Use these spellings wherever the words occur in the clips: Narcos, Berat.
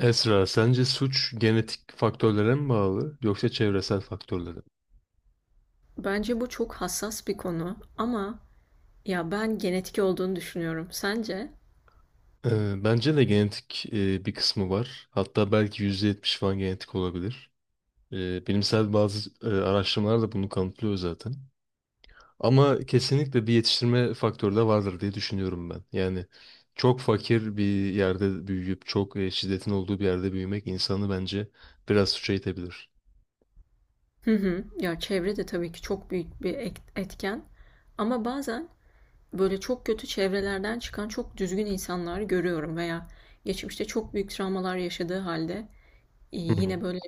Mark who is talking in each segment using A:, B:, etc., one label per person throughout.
A: Esra, sence suç genetik faktörlere mi bağlı yoksa çevresel faktörlere mi?
B: Bence bu çok hassas bir konu ama ya ben genetik olduğunu düşünüyorum. Sence?
A: Bence de genetik bir kısmı var. Hatta belki %70 falan genetik olabilir. Bilimsel bazı araştırmalar da bunu kanıtlıyor zaten. Ama kesinlikle bir yetiştirme faktörü de vardır diye düşünüyorum ben. Yani çok fakir bir yerde büyüyüp çok şiddetin olduğu bir yerde büyümek insanı bence biraz suça itebilir.
B: Hı hı. Ya çevre de tabii ki çok büyük bir etken. Ama bazen böyle çok kötü çevrelerden çıkan çok düzgün insanlar görüyorum veya geçmişte çok büyük travmalar yaşadığı halde,
A: Hı hı.
B: yine böyle,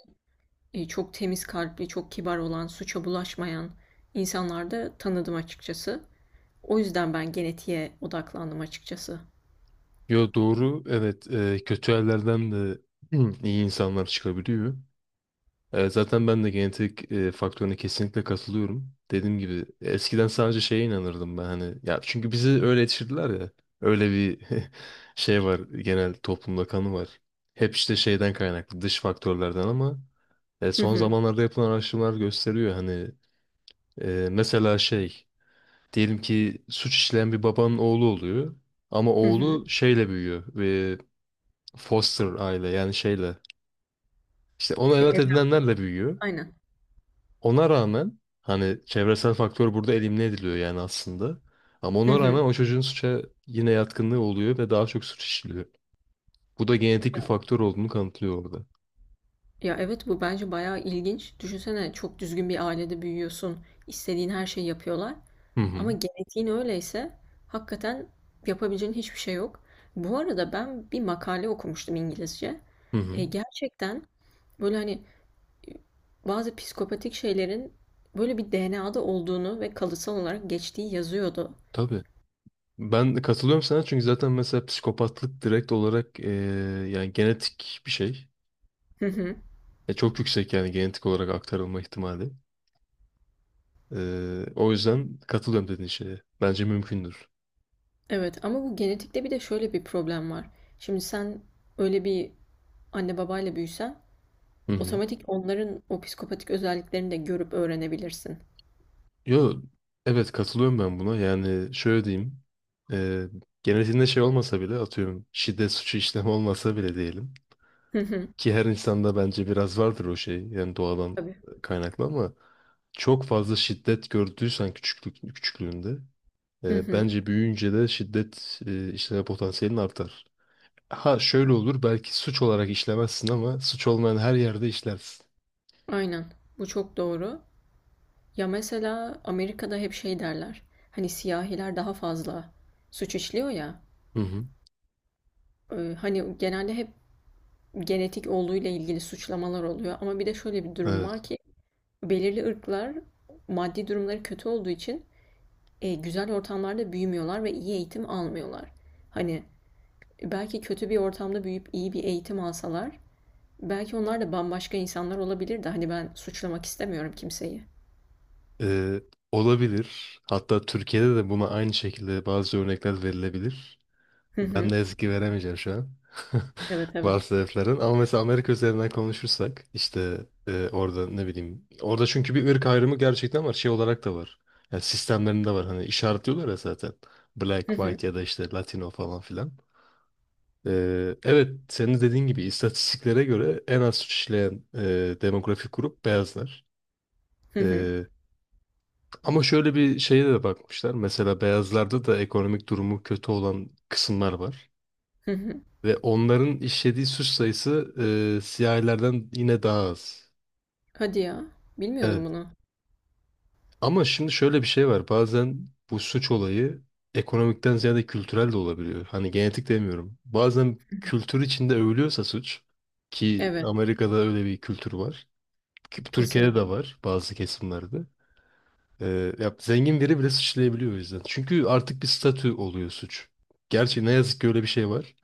B: çok temiz kalpli, çok kibar olan, suça bulaşmayan insanlar da tanıdım açıkçası. O yüzden ben genetiğe odaklandım açıkçası.
A: Yo, doğru, evet, kötü yerlerden de iyi insanlar çıkabiliyor. Evet, zaten ben de genetik faktörüne kesinlikle katılıyorum. Dediğim gibi eskiden sadece şeye inanırdım ben, hani ya, çünkü bizi öyle yetiştirdiler ya. Öyle bir şey var, genel toplumda kanı var. Hep işte şeyden kaynaklı, dış faktörlerden, ama
B: Hı
A: son
B: hı.
A: zamanlarda yapılan araştırmalar gösteriyor hani, mesela şey, diyelim ki suç işleyen bir babanın oğlu oluyor ama
B: Hı hı.
A: oğlu şeyle büyüyor ve foster aile, yani şeyle, işte ona
B: E,
A: evlat
B: evlat-
A: edinenlerle büyüyor.
B: aynen.
A: Ona rağmen hani çevresel faktör burada elimine ediliyor yani aslında. Ama
B: Hı
A: ona
B: hı.
A: rağmen o çocuğun suça yine yatkınlığı oluyor ve daha çok suç işliyor. Bu da genetik bir faktör olduğunu kanıtlıyor orada.
B: Ya evet, bu bence bayağı ilginç. Düşünsene, çok düzgün bir ailede büyüyorsun. İstediğin her şeyi yapıyorlar.
A: Hı hı.
B: Ama genetiğin öyleyse hakikaten yapabileceğin hiçbir şey yok. Bu arada ben bir makale okumuştum İngilizce.
A: Hı hı.
B: Gerçekten böyle, hani, e, bazı psikopatik şeylerin böyle bir DNA'da olduğunu ve kalıtsal olarak geçtiği yazıyordu.
A: Tabii. Ben de katılıyorum sana, çünkü zaten mesela psikopatlık direkt olarak yani genetik bir şey.
B: Hı hı.
A: Çok yüksek yani genetik olarak aktarılma ihtimali. O yüzden katılıyorum dediğin şeye. Bence mümkündür.
B: Evet, ama bu genetikte bir de şöyle bir problem var. Şimdi sen öyle bir anne babayla büyüsen,
A: Hı hı.
B: otomatik onların o psikopatik özelliklerini de görüp öğrenebilirsin.
A: Yo, evet, katılıyorum ben buna. Yani şöyle diyeyim. E, Genetiğinde şey olmasa bile, atıyorum şiddet suçu işlemi olmasa bile diyelim.
B: Hı hı.
A: Ki her insanda bence biraz vardır o şey. Yani doğadan
B: Tabii.
A: kaynaklı, ama çok fazla şiddet gördüysen küçüklüğünde,
B: Hı hı.
A: bence büyüyünce de şiddet işleme potansiyelin artar. Ha, şöyle olur, belki suç olarak işlemezsin ama suç olmayan her yerde işlersin.
B: Aynen. Bu çok doğru. Ya mesela Amerika'da hep şey derler. Hani siyahiler daha fazla suç işliyor ya.
A: Hı hı.
B: Hani genelde hep genetik olduğuyla ilgili suçlamalar oluyor. Ama bir de şöyle bir durum var
A: Evet.
B: ki belirli ırklar, maddi durumları kötü olduğu için, güzel ortamlarda büyümüyorlar ve iyi eğitim almıyorlar. Hani belki kötü bir ortamda büyüyüp iyi bir eğitim alsalar, belki onlar da bambaşka insanlar olabilir de. Hani ben suçlamak istemiyorum kimseyi.
A: Ee, Olabilir. Hatta Türkiye'de de buna aynı şekilde bazı örnekler verilebilir.
B: Hı
A: Ben
B: hı.
A: ne yazık ki veremeyeceğim şu an.
B: Evet, evet.
A: Bazı sebeplerden. Ama mesela Amerika üzerinden konuşursak, işte orada ne bileyim. Orada çünkü bir ırk ayrımı gerçekten var. Şey olarak da var. Yani sistemlerinde var. Hani işaretliyorlar ya zaten. Black,
B: Hı hı.
A: white ya da işte Latino falan filan. Evet, senin dediğin gibi istatistiklere göre en az işleyen demografik grup beyazlar.
B: Hı hı.
A: Ama şöyle bir şeye de bakmışlar. Mesela beyazlarda da ekonomik durumu kötü olan kısımlar var.
B: Hı hı.
A: Ve onların işlediği suç sayısı siyahilerden yine daha az.
B: Hadi ya.
A: Evet.
B: Bilmiyordum bunu.
A: Ama şimdi şöyle bir şey var. Bazen bu suç olayı ekonomikten ziyade kültürel de olabiliyor. Hani genetik demiyorum. Bazen kültür içinde övülüyorsa suç, ki
B: Evet.
A: Amerika'da öyle bir kültür var, ki Türkiye'de de
B: Kesinlikle.
A: var bazı kesimlerde. Ya zengin biri bile suçlayabiliyor o yüzden. Çünkü artık bir statü oluyor suç. Gerçi ne yazık ki öyle bir şey var.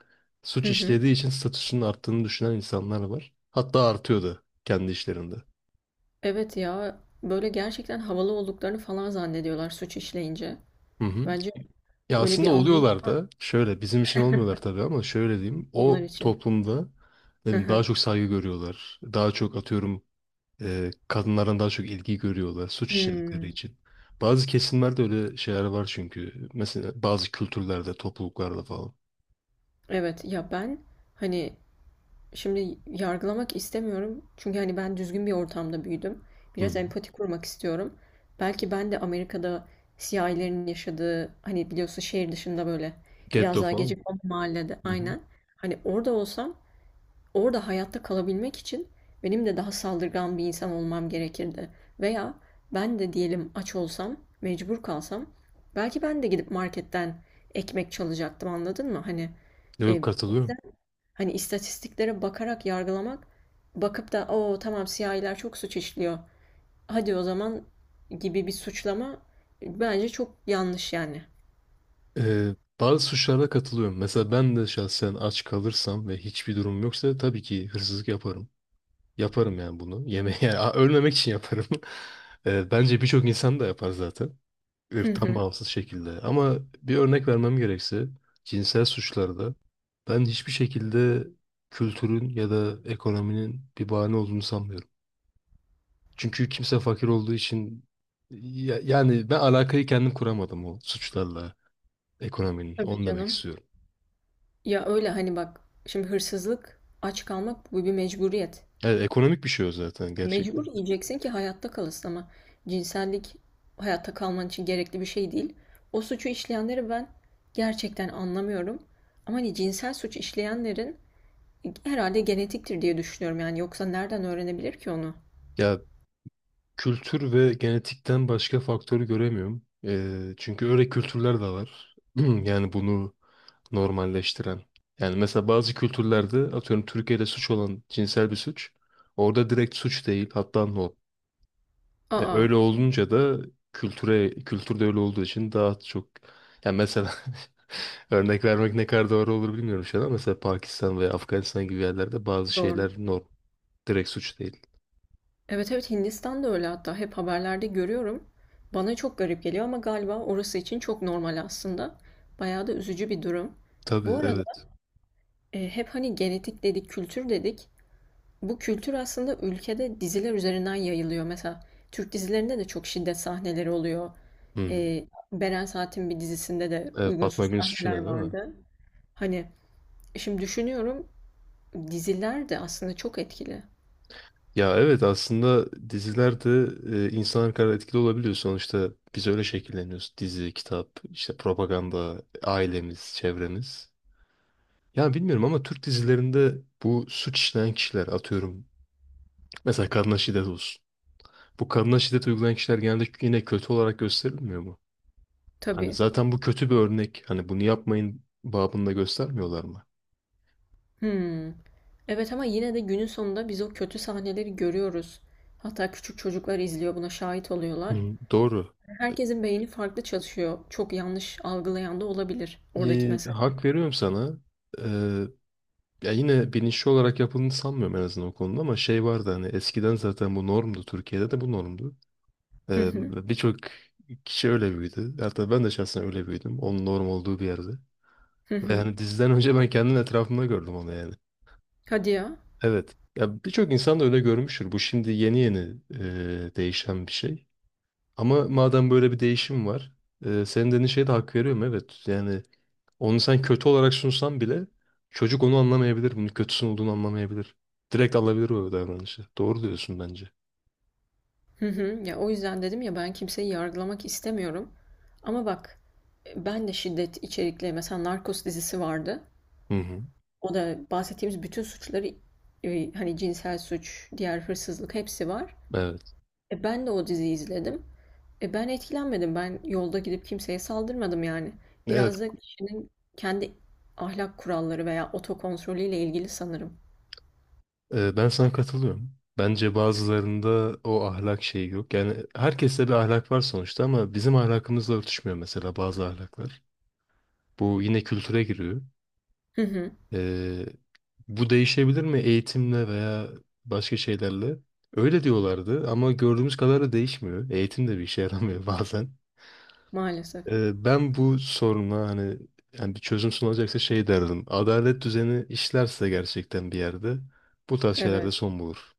A: Suç
B: Hı hı.
A: işlediği için statüsünün arttığını düşünen insanlar var. Hatta artıyor da kendi işlerinde.
B: Evet ya. Böyle gerçekten havalı olduklarını falan zannediyorlar suç işleyince.
A: Hı hı.
B: Bence
A: Ya
B: öyle bir
A: aslında
B: anlayış
A: oluyorlar
B: var
A: da, şöyle bizim için olmuyorlar tabii, ama şöyle diyeyim.
B: onlar
A: O
B: için.
A: toplumda, ne
B: Hı
A: bileyim, daha
B: hı.
A: çok saygı görüyorlar. Daha çok, atıyorum, kadınlardan daha çok ilgi görüyorlar suç işledikleri
B: Hmm.
A: için. Bazı kesimlerde öyle şeyler var çünkü. Mesela bazı kültürlerde, topluluklarda falan.
B: Evet ya, ben hani, şimdi yargılamak istemiyorum. Çünkü hani ben düzgün bir ortamda büyüdüm.
A: Hı.
B: Biraz empati kurmak istiyorum. Belki ben de Amerika'da siyahilerin yaşadığı, hani biliyorsun, şehir dışında böyle biraz
A: Getto
B: daha
A: falan.
B: gecekondu mahallede,
A: Hı hı.
B: aynen. Hani orada olsam, orada hayatta kalabilmek için benim de daha saldırgan bir insan olmam gerekirdi. Veya ben de diyelim aç olsam, mecbur kalsam, belki ben de gidip marketten ekmek çalacaktım, anladın mı?
A: Yok,
B: E,
A: katılıyorum.
B: Hani istatistiklere bakarak yargılamak, bakıp da "o tamam, siyahiler çok suç işliyor, hadi o zaman" gibi bir suçlama, bence çok yanlış yani.
A: Ee, Bazı suçlarda katılıyorum. Mesela ben de şahsen aç kalırsam ve hiçbir durum yoksa tabii ki hırsızlık yaparım. Yaparım yani bunu. Yemeğe yani, ölmemek için yaparım. Bence birçok insan da yapar zaten.
B: Hı
A: Irktan
B: hı.
A: bağımsız şekilde. Ama bir örnek vermem gerekse, cinsel suçlarda ben hiçbir şekilde kültürün ya da ekonominin bir bahane olduğunu sanmıyorum. Çünkü kimse fakir olduğu için yani ben alakayı kendim kuramadım o suçlarla ekonominin.
B: Tabii
A: Onu demek
B: canım.
A: istiyorum.
B: Ya öyle, hani bak, şimdi hırsızlık, aç kalmak, bu bir mecburiyet.
A: Evet, ekonomik bir şey o zaten gerçekten.
B: Mecbur yiyeceksin ki hayatta kalasın, ama cinsellik hayatta kalman için gerekli bir şey değil. O suçu işleyenleri ben gerçekten anlamıyorum. Ama hani cinsel suç işleyenlerin herhalde genetiktir diye düşünüyorum, yani yoksa nereden öğrenebilir ki onu?
A: Ya, kültür ve genetikten başka faktörü göremiyorum. Çünkü öyle kültürler de var. Yani bunu normalleştiren. Yani mesela bazı kültürlerde, atıyorum Türkiye'de suç olan cinsel bir suç, orada direkt suç değil, hatta norm.
B: Aa,
A: Öyle olunca da kültürde öyle olduğu için daha çok, yani mesela örnek vermek ne kadar doğru olur bilmiyorum şu an, ama mesela Pakistan veya Afganistan gibi yerlerde bazı
B: doğru.
A: şeyler norm. Direkt suç değil.
B: Evet, evet, Hindistan'da öyle, hatta hep haberlerde görüyorum. Bana çok garip geliyor ama galiba orası için çok normal aslında. Bayağı da üzücü bir durum.
A: Tabii,
B: Bu arada,
A: evet.
B: hep hani genetik dedik, kültür dedik. Bu kültür aslında ülkede diziler üzerinden yayılıyor. Mesela Türk dizilerinde de çok şiddet sahneleri oluyor.
A: Hı.
B: Beren Saat'in bir dizisinde de
A: Evet, Fatma
B: uygunsuz
A: Gül'ün Suçu
B: sahneler
A: Ne değil mi?
B: vardı. Hani, şimdi düşünüyorum, diziler de aslında çok etkili.
A: Ya evet, aslında dizilerde insanlar kadar etkili olabiliyor. Sonuçta biz öyle şekilleniyoruz. Dizi, kitap, işte propaganda, ailemiz, çevremiz. Ya bilmiyorum, ama Türk dizilerinde bu suç işleyen kişiler, atıyorum, mesela kadına şiddet olsun, bu kadına şiddet uygulayan kişiler genelde yine kötü olarak gösterilmiyor mu? Hani
B: Tabii.
A: zaten bu kötü bir örnek. Hani bunu yapmayın babında göstermiyorlar mı?
B: Hımm. Evet, ama yine de günün sonunda biz o kötü sahneleri görüyoruz. Hatta küçük çocuklar izliyor, buna şahit oluyorlar.
A: Hı, doğru.
B: Herkesin beyni farklı çalışıyor. Çok yanlış algılayan da olabilir oradaki mesajı.
A: Hak veriyorum sana. Ee, Ya yine bilinçli olarak yapıldığını sanmıyorum en azından o konuda, ama şey vardı, hani eskiden zaten bu normdu. Türkiye'de de bu normdu.
B: Hı
A: Ee,
B: hı.
A: Birçok kişi öyle büyüdü. Hatta ben de şahsen öyle büyüdüm. Onun norm olduğu bir yerde.
B: Hı
A: Ve
B: hı.
A: hani diziden önce ben kendim etrafımda gördüm onu yani.
B: Hadi ya.
A: Evet. Ya birçok insan da öyle görmüştür. Bu şimdi yeni yeni değişen bir şey. Ama madem böyle bir değişim var, senin dediğin şeye de hak veriyorum, evet. Yani onu sen kötü olarak sunsan bile çocuk onu anlamayabilir. Bunun kötüsün olduğunu anlamayabilir. Direkt alabilir o davranışı. Doğru diyorsun bence.
B: Hı hı. Ya o yüzden dedim ya, ben kimseyi yargılamak istemiyorum. Ama bak, ben de şiddet içerikli mesela Narcos dizisi vardı.
A: Hı hı.
B: O da bahsettiğimiz bütün suçları, hani cinsel suç, diğer hırsızlık, hepsi var.
A: Evet.
B: Ben de o diziyi izledim. Ben etkilenmedim. Ben yolda gidip kimseye saldırmadım yani.
A: Evet.
B: Biraz da kişinin kendi ahlak kuralları veya otokontrolüyle ilgili sanırım.
A: Ben sana katılıyorum. Bence bazılarında o ahlak şeyi yok. Yani herkeste bir ahlak var sonuçta, ama bizim ahlakımızla örtüşmüyor mesela bazı ahlaklar. Bu yine kültüre giriyor.
B: Hı hı.
A: Ee, bu değişebilir mi eğitimle veya başka şeylerle? Öyle diyorlardı, ama gördüğümüz kadarıyla değişmiyor. Eğitim de bir işe yaramıyor bazen.
B: Maalesef.
A: Ben bu soruna, hani yani bir çözüm sunulacaksa, şey derdim. Adalet düzeni işlerse gerçekten bir yerde bu tarz şeylerde
B: Evet.
A: son bulur.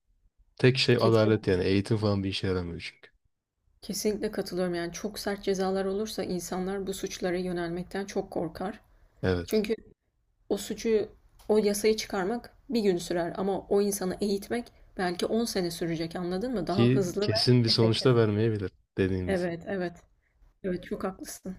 A: Tek şey
B: Kesin,
A: adalet, yani eğitim falan bir işe yaramıyor çünkü.
B: kesinlikle katılıyorum. Yani çok sert cezalar olursa insanlar bu suçlara yönelmekten çok korkar.
A: Evet.
B: Çünkü o suçu, o yasayı çıkarmak bir gün sürer, ama o insanı eğitmek belki 10 sene sürecek, anladın mı? Daha
A: Ki
B: hızlı ve
A: kesin bir
B: efektif.
A: sonuçta vermeyebilir dediğimiz
B: Evet, evet. Evet, çok haklısın.